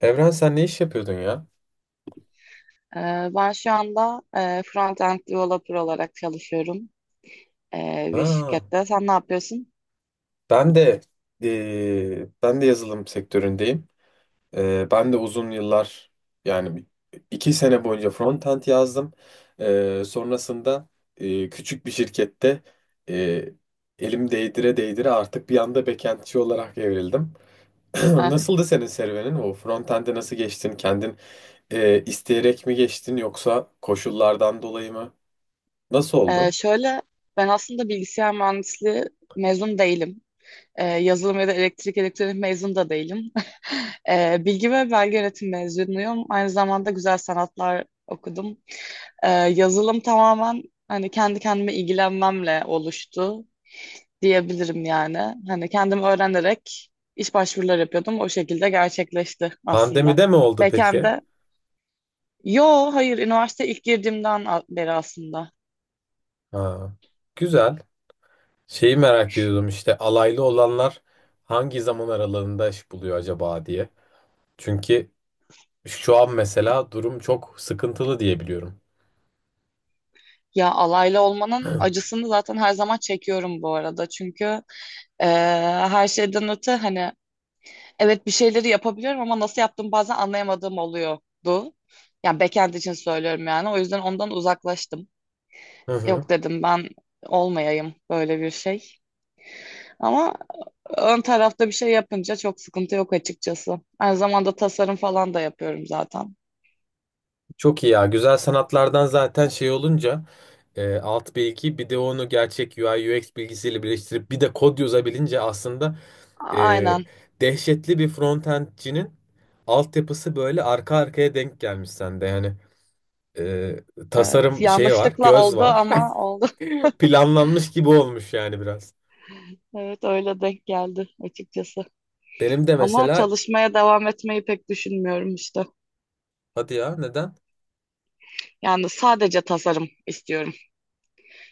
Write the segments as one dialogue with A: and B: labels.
A: Evren sen ne iş yapıyordun ya?
B: Ben şu anda front-end developer olarak çalışıyorum bir
A: Ha,
B: şirkette. Sen ne yapıyorsun?
A: ben de ben de yazılım sektöründeyim. Ben de uzun yıllar yani 2 sene boyunca frontend yazdım. Sonrasında küçük bir şirkette eee, elim değdire değdire artık bir anda backendçi olarak evrildim.
B: Heh,
A: Nasıldı senin serüvenin? O frontend'e nasıl geçtin? Kendin isteyerek mi geçtin yoksa koşullardan dolayı mı? Nasıl
B: e,
A: oldu?
B: şöyle, Ben aslında bilgisayar mühendisliği mezun değilim. Yazılım ya da elektrik elektronik mezun da değilim. Bilgi ve belge yönetim mezunuyum. Aynı zamanda güzel sanatlar okudum. Yazılım tamamen hani kendi kendime ilgilenmemle oluştu diyebilirim yani. Hani kendim öğrenerek iş başvuruları yapıyordum. O şekilde gerçekleşti aslında.
A: Pandemide mi oldu peki?
B: Backend'de. Yo, hayır, üniversite ilk girdiğimden beri aslında.
A: Ha, güzel. Şeyi merak ediyordum işte alaylı olanlar hangi zaman aralığında iş buluyor acaba diye. Çünkü şu an mesela durum çok sıkıntılı diye biliyorum.
B: Ya, alaylı olmanın acısını zaten her zaman çekiyorum bu arada. Çünkü eee, her şeyden öte hani evet bir şeyleri yapabiliyorum ama nasıl yaptığımı bazen anlayamadığım oluyordu. Yani backend için söylüyorum yani. O yüzden ondan uzaklaştım.
A: Hı hı.
B: Yok dedim, ben olmayayım böyle bir şey. Ama ön tarafta bir şey yapınca çok sıkıntı yok açıkçası. Aynı zamanda tasarım falan da yapıyorum zaten.
A: Çok iyi ya. Güzel sanatlardan zaten şey olunca alt bilgi bir de onu gerçek U I U X bilgisiyle birleştirip bir de kod yazabilince aslında e,
B: Aynen.
A: dehşetli bir frontendcinin altyapısı böyle arka arkaya denk gelmiş sende. Yani e,
B: Evet.
A: tasarım şeyi var,
B: Yanlışlıkla
A: göz
B: oldu
A: var.
B: ama oldu.
A: Planlanmış gibi olmuş yani biraz.
B: Evet öyle denk geldi açıkçası.
A: Benim de
B: Ama
A: mesela
B: çalışmaya devam etmeyi pek düşünmüyorum işte.
A: hadi ya, neden?
B: Yani sadece tasarım istiyorum.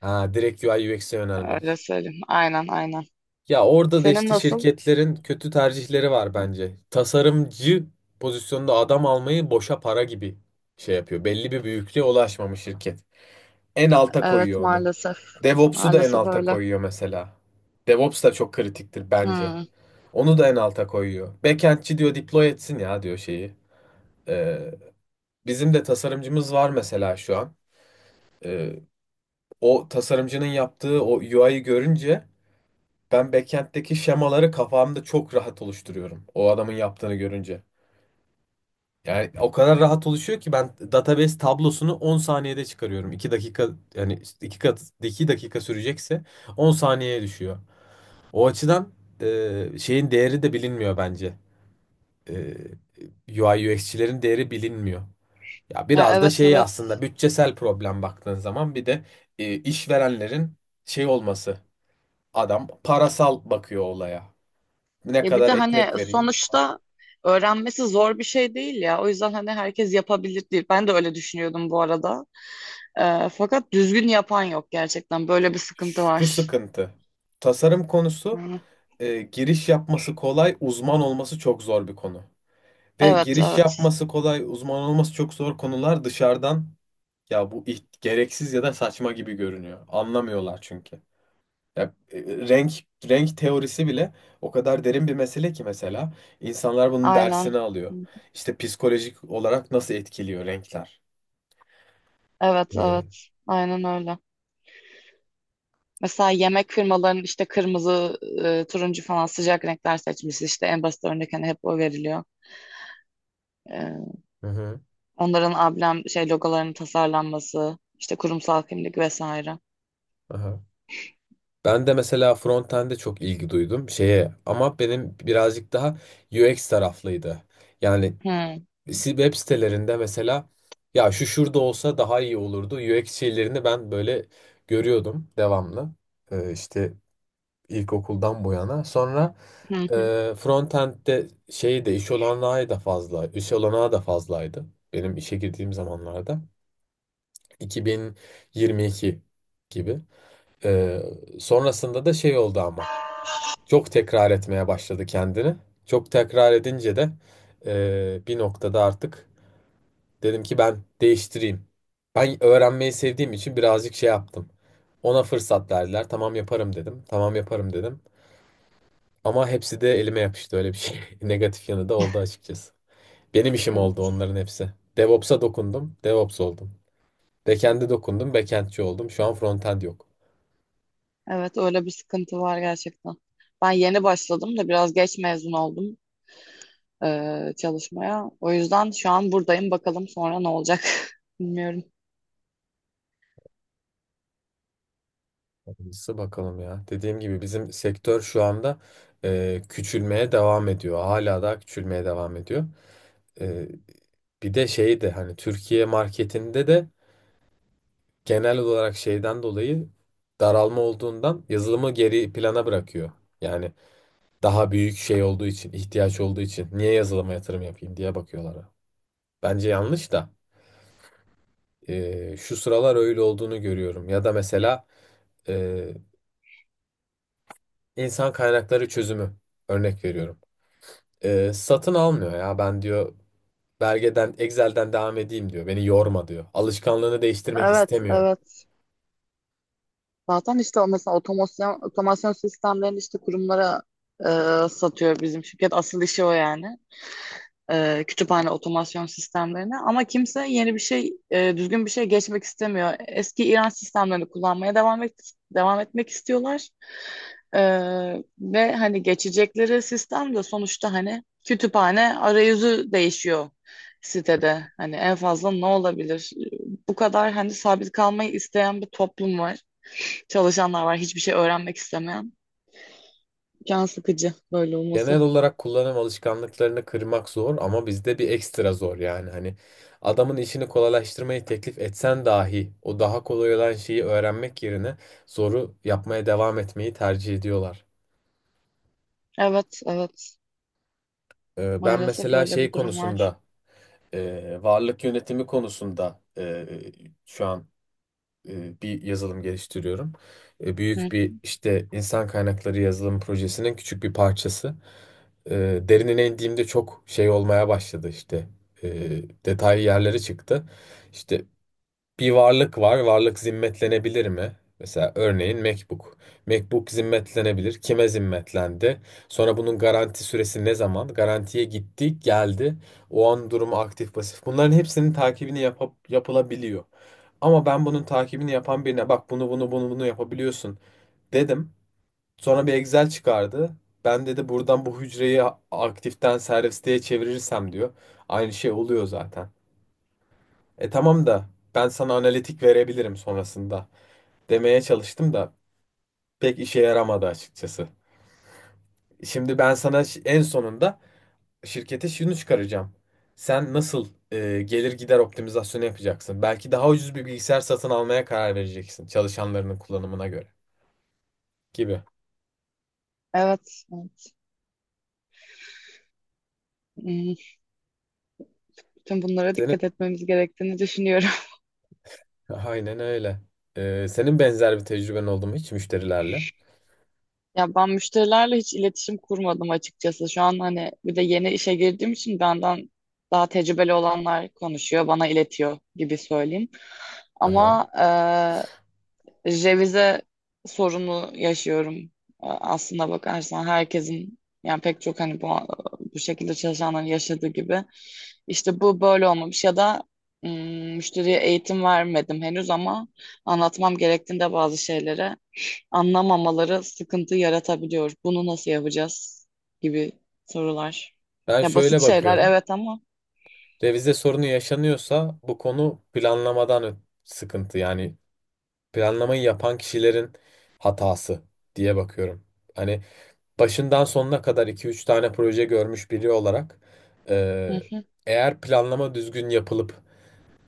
A: Ha, direkt UI UX'e
B: Öyle
A: yönelmek.
B: söyleyeyim. Aynen, aynen.
A: Ya orada da
B: Senin
A: işte
B: nasıl?
A: şirketlerin kötü tercihleri var bence. Tasarımcı pozisyonda adam almayı boşa para gibi şey yapıyor. Belli bir büyüklüğe ulaşmamış şirket. En alta
B: Evet,
A: koyuyor onu.
B: maalesef.
A: DevOps'u da en
B: Maalesef
A: alta
B: öyle.
A: koyuyor mesela. DevOps da çok kritiktir bence.
B: Hmm.
A: Onu da en alta koyuyor. Backend'çi diyor, deploy etsin ya diyor şeyi. Ee, Bizim de tasarımcımız var mesela şu an. Ee, O tasarımcının yaptığı o UI'yi görünce ben backend'deki şemaları kafamda çok rahat oluşturuyorum. O adamın yaptığını görünce. Yani o kadar rahat oluşuyor ki ben database tablosunu 10 saniyede çıkarıyorum. 2 dakika, yani 2 kat 2 dakika sürecekse 10 saniyeye düşüyor. O açıdan şeyin değeri de bilinmiyor bence. E, UI UX'çilerin değeri bilinmiyor. Ya
B: Ya,
A: biraz da
B: evet,
A: şey
B: evet.
A: aslında, bütçesel problem baktığın zaman, bir de işverenlerin şey olması. Adam parasal bakıyor olaya. Ne
B: Ya bir de
A: kadar
B: hani
A: ekmek vereyim? Bu kadar.
B: sonuçta öğrenmesi zor bir şey değil ya. O yüzden hani herkes yapabilir değil. Ben de öyle düşünüyordum bu arada. Fakat düzgün yapan yok gerçekten. Böyle bir sıkıntı
A: Şu
B: var.
A: sıkıntı. Tasarım konusu,
B: Yani,
A: giriş yapması kolay, uzman olması çok zor bir konu. Ve
B: evet,
A: giriş
B: evet.
A: yapması kolay, uzman olması çok zor konular dışarıdan ya bu gereksiz ya da saçma gibi görünüyor. Anlamıyorlar çünkü. Ya, renk renk teorisi bile o kadar derin bir mesele ki mesela insanlar bunun
B: Aynen.
A: dersini alıyor. İşte psikolojik olarak nasıl etkiliyor renkler.
B: Evet,
A: Ee,
B: evet. Aynen öyle. Mesela yemek firmalarının işte kırmızı, turuncu falan sıcak renkler seçmesi işte en basit örnek, hani hep o veriliyor. Ee,
A: Hı hı.
B: Onların ablem şey logolarının tasarlanması, işte kurumsal kimlik vesaire.
A: Aha. Ben de mesela frontend'e çok ilgi duydum şeye, ama benim birazcık daha UX taraflıydı. Yani
B: Hı,
A: web sitelerinde mesela ya şu şurada olsa daha iyi olurdu. UX şeylerini ben böyle görüyordum devamlı. İşte ilkokuldan bu yana. Sonra
B: hı, hı.
A: frontend'de şeyi de iş olanağı da fazla, iş olanağı da fazlaydı. Benim işe girdiğim zamanlarda 2022 gibi. Ee, Sonrasında da şey oldu ama. Çok tekrar etmeye başladı kendini. Çok tekrar edince de bir noktada artık dedim ki ben değiştireyim. Ben öğrenmeyi sevdiğim için birazcık şey yaptım. Ona fırsat verdiler. Tamam yaparım dedim. Tamam yaparım dedim. Ama hepsi de elime yapıştı, öyle bir şey. Negatif yanı da oldu açıkçası. Benim işim oldu
B: Evet.
A: onların hepsi. DevOps'a dokundum. DevOps oldum. Backend'e dokundum. Backend'ci oldum. Şu an frontend yok.
B: Evet, öyle bir sıkıntı var gerçekten. Ben yeni başladım da biraz geç mezun oldum çalışmaya. O yüzden şu an buradayım. Bakalım sonra ne olacak. Bilmiyorum.
A: Hayırlısı bakalım ya. Dediğim gibi bizim sektör şu anda küçülmeye devam ediyor. Hala daha küçülmeye devam ediyor. E, Bir de şey de hani Türkiye marketinde de genel olarak şeyden dolayı daralma olduğundan yazılımı geri plana bırakıyor. Yani daha büyük şey olduğu için, ihtiyaç olduğu için niye yazılıma yatırım yapayım diye bakıyorlar. Bence yanlış da şu sıralar öyle olduğunu görüyorum. Ya da mesela e, insan kaynakları çözümü örnek veriyorum. Satın almıyor ya, ben diyor belgeden Excel'den devam edeyim diyor. Beni yorma diyor. Alışkanlığını değiştirmek
B: Evet,
A: istemiyor.
B: evet. Zaten işte o mesela otomasyon, otomasyon sistemlerini işte kurumlara satıyor bizim şirket. Asıl işi o yani. Kütüphane otomasyon sistemlerine ama kimse yeni bir şey, düzgün bir şey geçmek istemiyor. Eski İran sistemlerini kullanmaya devam etmek istiyorlar. E, Ve hani geçecekleri sistem de sonuçta, hani kütüphane arayüzü değişiyor sitede. Hani en fazla ne olabilir? Bu kadar. Hani sabit kalmayı isteyen bir toplum var. Çalışanlar var, hiçbir şey öğrenmek istemeyen. Can sıkıcı böyle
A: Genel
B: olması.
A: olarak kullanım alışkanlıklarını kırmak zor, ama bizde bir ekstra zor yani. Hani adamın işini kolaylaştırmayı teklif etsen dahi o daha kolay olan şeyi öğrenmek yerine zoru yapmaya devam etmeyi tercih ediyorlar.
B: Evet, evet.
A: Ben
B: Maalesef
A: mesela
B: öyle
A: şey
B: bir durum var.
A: konusunda, varlık yönetimi konusunda, şu an bir yazılım geliştiriyorum.
B: Hı.
A: Büyük bir işte, insan kaynakları yazılım projesinin küçük bir parçası. Derinine indiğimde çok şey olmaya başladı işte. E, Detaylı yerlere çıktı. İşte bir varlık var. Varlık zimmetlenebilir mi? Mesela örneğin MacBook. MacBook zimmetlenebilir. Kime zimmetlendi? Sonra bunun garanti süresi ne zaman? Garantiye gitti, geldi. O an durumu aktif, pasif. Bunların hepsinin takibini yapıp, yapılabiliyor. Ama ben bunun takibini yapan birine, bak bunu bunu bunu bunu yapabiliyorsun dedim. Sonra bir Excel çıkardı. Ben dedi, buradan bu hücreyi aktiften servisteye çevirirsem diyor. Aynı şey oluyor zaten. E tamam da ben sana analitik verebilirim sonrasında demeye çalıştım da pek işe yaramadı açıkçası. Şimdi ben sana en sonunda şirkete şunu çıkaracağım. Sen nasıl gelir gider optimizasyonu yapacaksın? Belki daha ucuz bir bilgisayar satın almaya karar vereceksin çalışanlarının kullanımına göre, gibi.
B: Evet, evet. Hmm, Bütün bunlara
A: Senin
B: dikkat etmemiz gerektiğini düşünüyorum.
A: aynen öyle. Senin benzer bir tecrüben oldu mu hiç müşterilerle?
B: Ya ben müşterilerle hiç iletişim kurmadım açıkçası. Şu an hani bir de yeni işe girdiğim için benden daha tecrübeli olanlar konuşuyor, bana iletiyor gibi söyleyeyim.
A: Aha.
B: Ama revize sorunu yaşıyorum. Aslına bakarsan herkesin, yani pek çok hani bu şekilde çalışanların yaşadığı gibi. İşte bu böyle olmamış ya da ım, müşteriye eğitim vermedim henüz ama anlatmam gerektiğinde bazı şeyleri anlamamaları sıkıntı yaratabiliyor. Bunu nasıl yapacağız gibi sorular.
A: Ben
B: Ya basit
A: şöyle
B: şeyler,
A: bakıyorum.
B: evet ama.
A: Revize sorunu yaşanıyorsa bu konu planlamadan sıkıntı yani. Planlamayı yapan kişilerin hatası diye bakıyorum. Hani başından sonuna kadar iki üç tane proje görmüş biri olarak e, eğer planlama düzgün yapılıp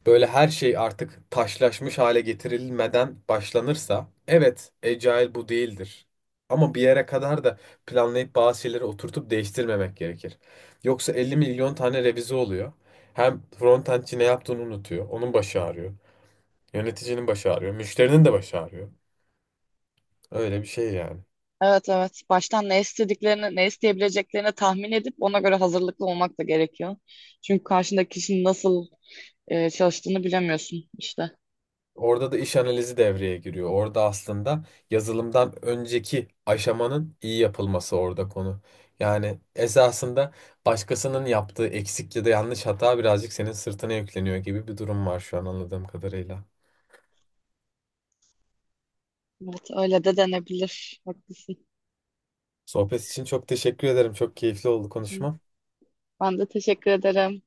A: böyle her şey artık taşlaşmış hale getirilmeden başlanırsa, evet Agile bu değildir. Ama bir yere kadar da planlayıp bazı şeyleri oturtup değiştirmemek gerekir. Yoksa 50 milyon tane revize oluyor. Hem frontendçi ne yaptığını unutuyor. Onun başı ağrıyor. Yöneticinin başı ağrıyor. Müşterinin de başı ağrıyor. Öyle bir şey yani.
B: Evet, evet. Baştan ne istediklerini, ne isteyebileceklerini tahmin edip ona göre hazırlıklı olmak da gerekiyor. Çünkü karşındaki kişinin nasıl çalıştığını bilemiyorsun işte.
A: Orada da iş analizi devreye giriyor. Orada aslında yazılımdan önceki aşamanın iyi yapılması orada konu. Yani esasında başkasının yaptığı eksik ya da yanlış hata birazcık senin sırtına yükleniyor gibi bir durum var şu an anladığım kadarıyla.
B: Evet, öyle de denebilir. Haklısın.
A: Sohbet için çok teşekkür ederim. Çok keyifli oldu
B: Hı hı.
A: konuşma.
B: Ben de teşekkür ederim.